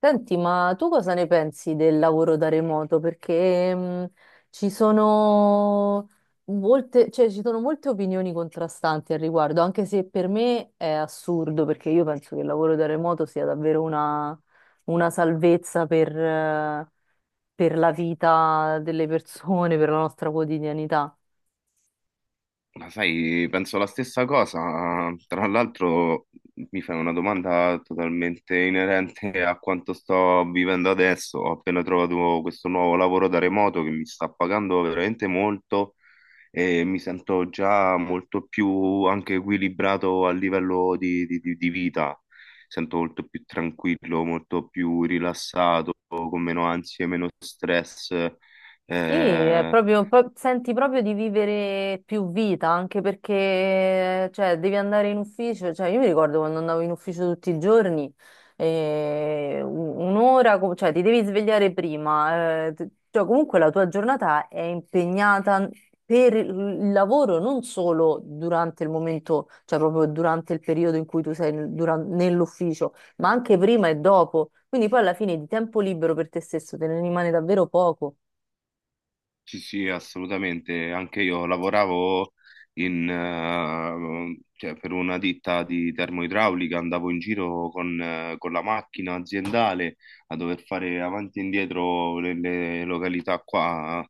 Senti, ma tu cosa ne pensi del lavoro da remoto? Perché ci sono ci sono molte opinioni contrastanti al riguardo, anche se per me è assurdo, perché io penso che il lavoro da remoto sia davvero una salvezza per la vita delle persone, per la nostra quotidianità. Ma sai, penso la stessa cosa. Tra l'altro, mi fai una domanda totalmente inerente a quanto sto vivendo adesso. Ho appena trovato questo nuovo lavoro da remoto che mi sta pagando veramente molto e mi sento già molto più anche equilibrato a livello di vita. Sento molto più tranquillo, molto più rilassato, con meno ansie, meno stress. Sì, è Eh, proprio, senti proprio di vivere più vita, anche perché cioè, devi andare in ufficio. Cioè, io mi ricordo quando andavo in ufficio tutti i giorni, un'ora, cioè ti devi svegliare prima. Cioè, comunque la tua giornata è impegnata per il lavoro, non solo durante il momento, cioè proprio durante il periodo in cui tu sei nell'ufficio, ma anche prima e dopo. Quindi poi alla fine di tempo libero per te stesso te ne rimane davvero poco. Sì, sì, assolutamente. Anche io lavoravo in, cioè, per una ditta di termoidraulica, andavo in giro con la macchina aziendale a dover fare avanti e indietro nelle località qua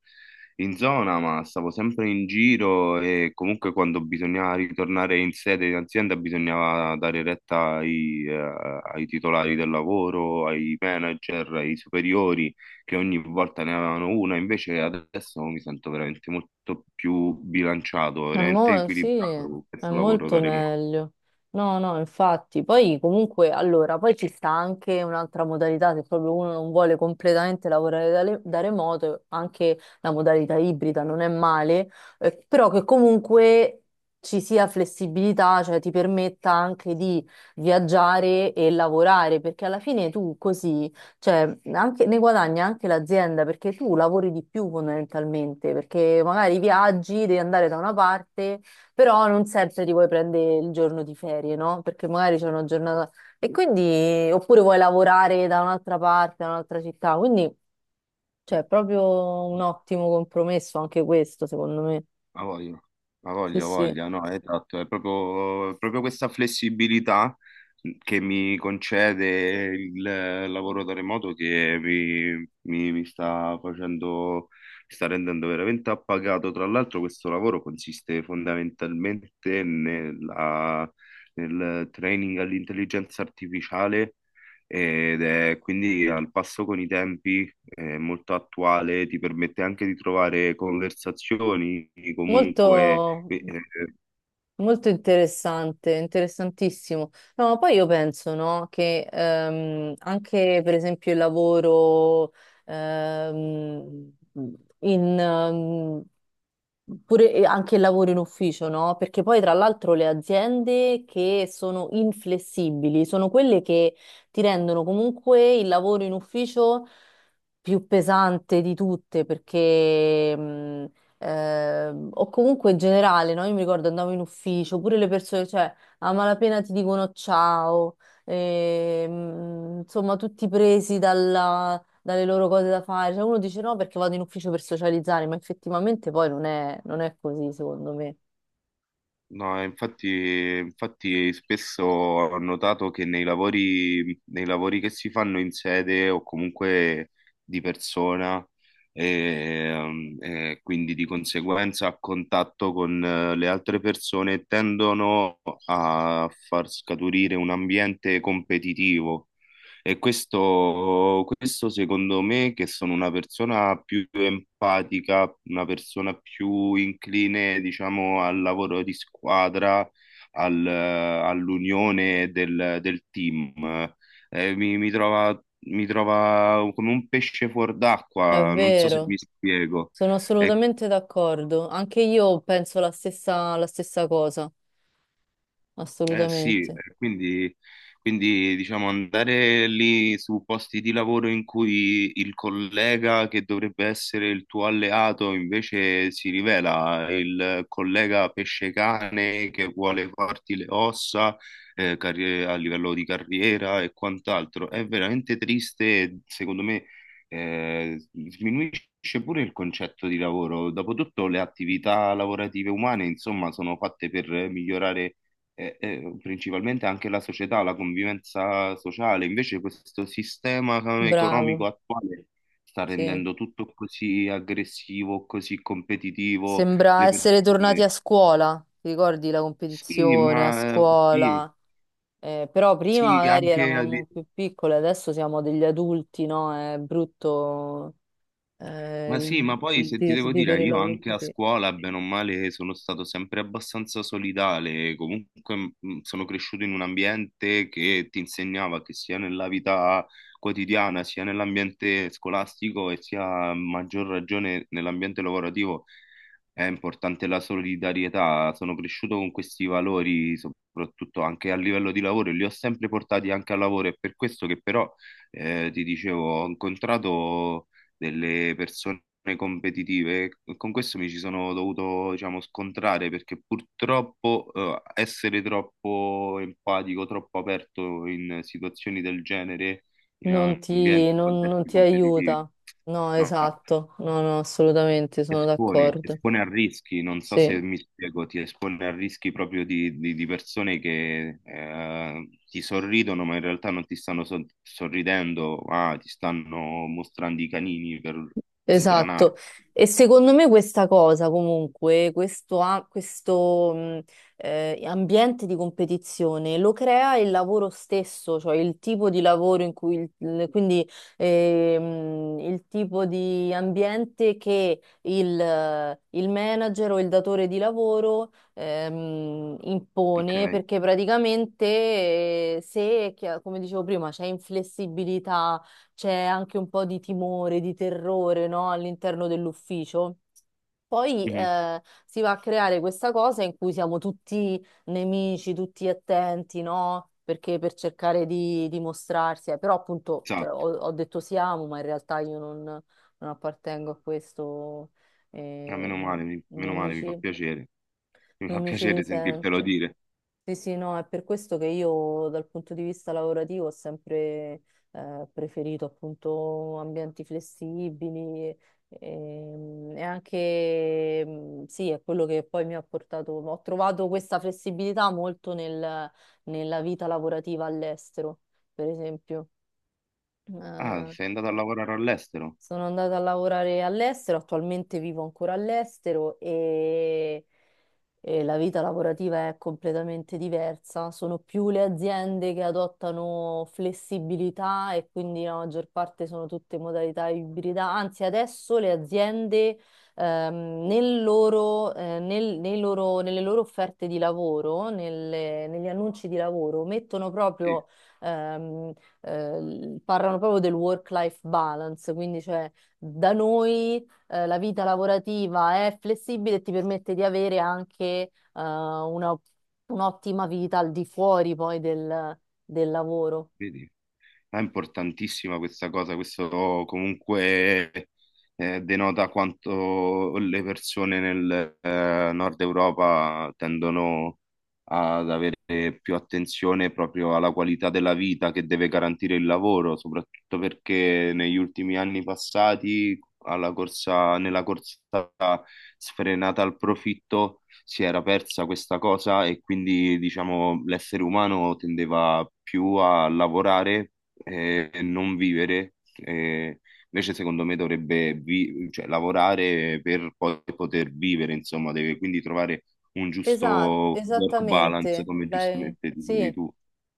in zona, ma stavo sempre in giro e comunque quando bisognava ritornare in sede in azienda bisognava dare retta ai, ai titolari del lavoro, ai manager, ai superiori che ogni volta ne avevano una. Invece adesso mi sento veramente molto più bilanciato, veramente Sì, equilibrato con è questo lavoro molto da remoto. meglio. No, no, infatti. Poi comunque, allora, poi ci sta anche un'altra modalità, se proprio uno non vuole completamente lavorare da remoto, anche la modalità ibrida non è male, però che comunque ci sia flessibilità, cioè ti permetta anche di viaggiare e lavorare, perché alla fine tu così... Cioè, ne guadagna anche l'azienda perché tu lavori di più fondamentalmente, perché magari viaggi, devi andare da una parte, però non sempre ti vuoi prendere il giorno di ferie, no? Perché magari c'è una giornata e quindi oppure vuoi lavorare da un'altra parte, da un'altra città, quindi c'è proprio un ottimo compromesso anche questo, secondo me. Ha voglia, ha Sì, voglia, ha sì. voglia, no, esatto, è proprio, proprio questa flessibilità che mi concede il lavoro da remoto che mi sta facendo, mi sta rendendo veramente appagato. Tra l'altro questo lavoro consiste fondamentalmente nel training all'intelligenza artificiale ed è quindi al passo con i tempi, è molto attuale, ti permette anche di trovare conversazioni, Molto comunque, eh, eh, Molto interessante, interessantissimo. No, ma poi io penso, no, che anche per esempio il lavoro ehm, in, pure e anche il lavoro in ufficio, no? Perché poi tra l'altro le aziende che sono inflessibili sono quelle che ti rendono comunque il lavoro in ufficio più pesante di tutte, perché ehm, o comunque in generale, no? Io mi ricordo andavo in ufficio, pure le persone, cioè a malapena ti dicono ciao, insomma tutti presi dalle loro cose da fare, cioè uno dice no perché vado in ufficio per socializzare, ma effettivamente poi non è così secondo me. no, infatti, infatti spesso ho notato che nei lavori che si fanno in sede o comunque di persona, e, e quindi di conseguenza a contatto con le altre persone tendono a far scaturire un ambiente competitivo. E questo secondo me, che sono una persona più empatica, una persona più incline, diciamo, al lavoro di squadra, all'unione del, del team, Eh, mi, mi trova, mi trova come un pesce fuor È d'acqua, non so se vero, mi spiego. sono È assolutamente d'accordo, anche io penso la stessa cosa, Eh sì, assolutamente. Quindi, quindi diciamo andare lì su posti di lavoro in cui il collega che dovrebbe essere il tuo alleato invece si rivela il collega pesce-cane che vuole farti le ossa, a livello di carriera e quant'altro. È veramente triste, e, secondo me, eh, sminuisce pure il concetto di lavoro. Dopotutto le attività lavorative umane, insomma, sono fatte per migliorare e principalmente anche la società, la convivenza sociale. Invece questo sistema economico Bravo, attuale sta sì. rendendo tutto così aggressivo, così competitivo. Sembra Le essere tornati a persone... scuola, ti ricordi la Sì, competizione a ma sì, scuola? Però prima sì, magari anche... eravamo più piccole, adesso siamo degli adulti, no? È brutto eh, Ma sì, il- ma poi il se ti devo dire, vivere il io lavoro anche a così. scuola, bene o male, sono stato sempre abbastanza solidale, comunque sono cresciuto in un ambiente che ti insegnava che sia nella vita quotidiana, sia nell'ambiente scolastico e sia a maggior ragione nell'ambiente lavorativo è importante la solidarietà. Sono cresciuto con questi valori, soprattutto anche a livello di lavoro, e li ho sempre portati anche al lavoro, è per questo che però, ti dicevo, ho incontrato delle persone competitive. Con questo mi ci sono dovuto, diciamo, scontrare perché purtroppo essere troppo empatico, troppo aperto in situazioni del genere, in ambienti, in Non contesti ti competitivi. aiuta. No, No, no, esatto, no, no, assolutamente, sono ti d'accordo. espone a rischi, non so Sì. se mi spiego, ti espone a rischi proprio di persone che ti sorridono, ma in realtà non ti stanno sorridendo, ma ti stanno mostrando i canini per Esatto, sbranare. e secondo me questa cosa comunque, questo ambiente di competizione lo crea il lavoro stesso, cioè il tipo di lavoro quindi il tipo di ambiente che il manager o il datore di lavoro impone, Ok? perché praticamente se, chi- come dicevo prima, c'è inflessibilità, c'è anche un po' di timore, di terrore, no? All'interno dell'ufficio. Poi Mhm. Si va a creare questa cosa in cui siamo tutti nemici, tutti attenti, no? Perché per cercare di dimostrarsi, però appunto cioè, Esatto. Ho detto siamo, ma in realtà io non appartengo a questo, Ah, eh, meno non male, mi fa piacere. Mi fa non mi ci piacere sentirtelo risento. dire. Sì, sì, no, è per questo che io dal punto di vista lavorativo ho sempre preferito appunto ambienti flessibili sì, è quello che poi mi ha portato, ho trovato questa flessibilità molto nella vita lavorativa all'estero, per esempio. Ah, Eh, sei andato a lavorare all'estero? sono andata a lavorare all'estero, attualmente vivo ancora all'estero e la vita lavorativa è completamente diversa. Sono più le aziende che adottano flessibilità e quindi la maggior parte sono tutte modalità ibrida. Anzi, adesso le aziende nelle loro offerte di lavoro, negli annunci di lavoro, mettono Sì, proprio... ehm, parlano proprio del work-life balance, quindi cioè da noi la vita lavorativa è flessibile e ti permette di avere anche un'ottima vita al di fuori poi del, del lavoro. vedi. È importantissima questa cosa, questo comunque denota quanto le persone nel nord Europa tendono ad avere più attenzione proprio alla qualità della vita che deve garantire il lavoro, soprattutto perché negli ultimi anni passati, alla corsa, nella corsa sfrenata al profitto, si era persa questa cosa e quindi diciamo l'essere umano tendeva più a lavorare, non vivere. Invece secondo me dovrebbe cioè, lavorare per poi poter vivere, insomma, deve quindi trovare un Esatto, giusto work balance, esattamente. come Lei- giustamente dicevi sì. tu.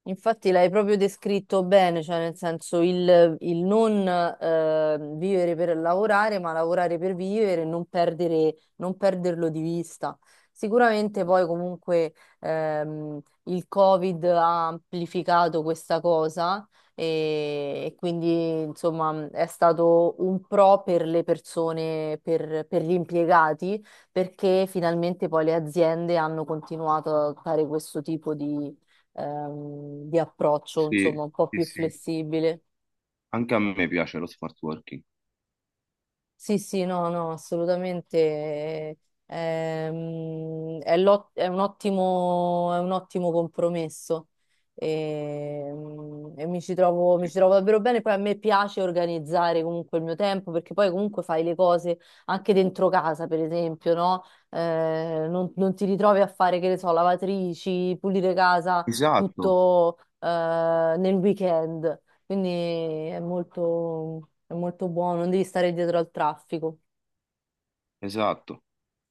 Infatti l'hai proprio descritto bene, cioè nel senso il non vivere per lavorare, ma lavorare per vivere e non perdere, non perderlo di vista. Sicuramente poi comunque il Covid ha amplificato questa cosa e quindi insomma è stato un pro per le persone, per gli impiegati, perché finalmente poi le aziende hanno continuato a fare questo tipo di approccio, insomma, Sì, un po' sì, più sì. flessibile. Anche a me piace lo smart working. Sì, sì, no, no, assolutamente. È un ottimo compromesso, mi Sì. ci trovo davvero bene. Poi a me piace organizzare comunque il mio tempo perché poi comunque fai le cose anche dentro casa, per esempio, no? Non ti ritrovi a fare, che ne so, lavatrici, pulire casa Esatto, tutto nel weekend. Quindi è molto buono, non devi stare dietro al traffico. esatto.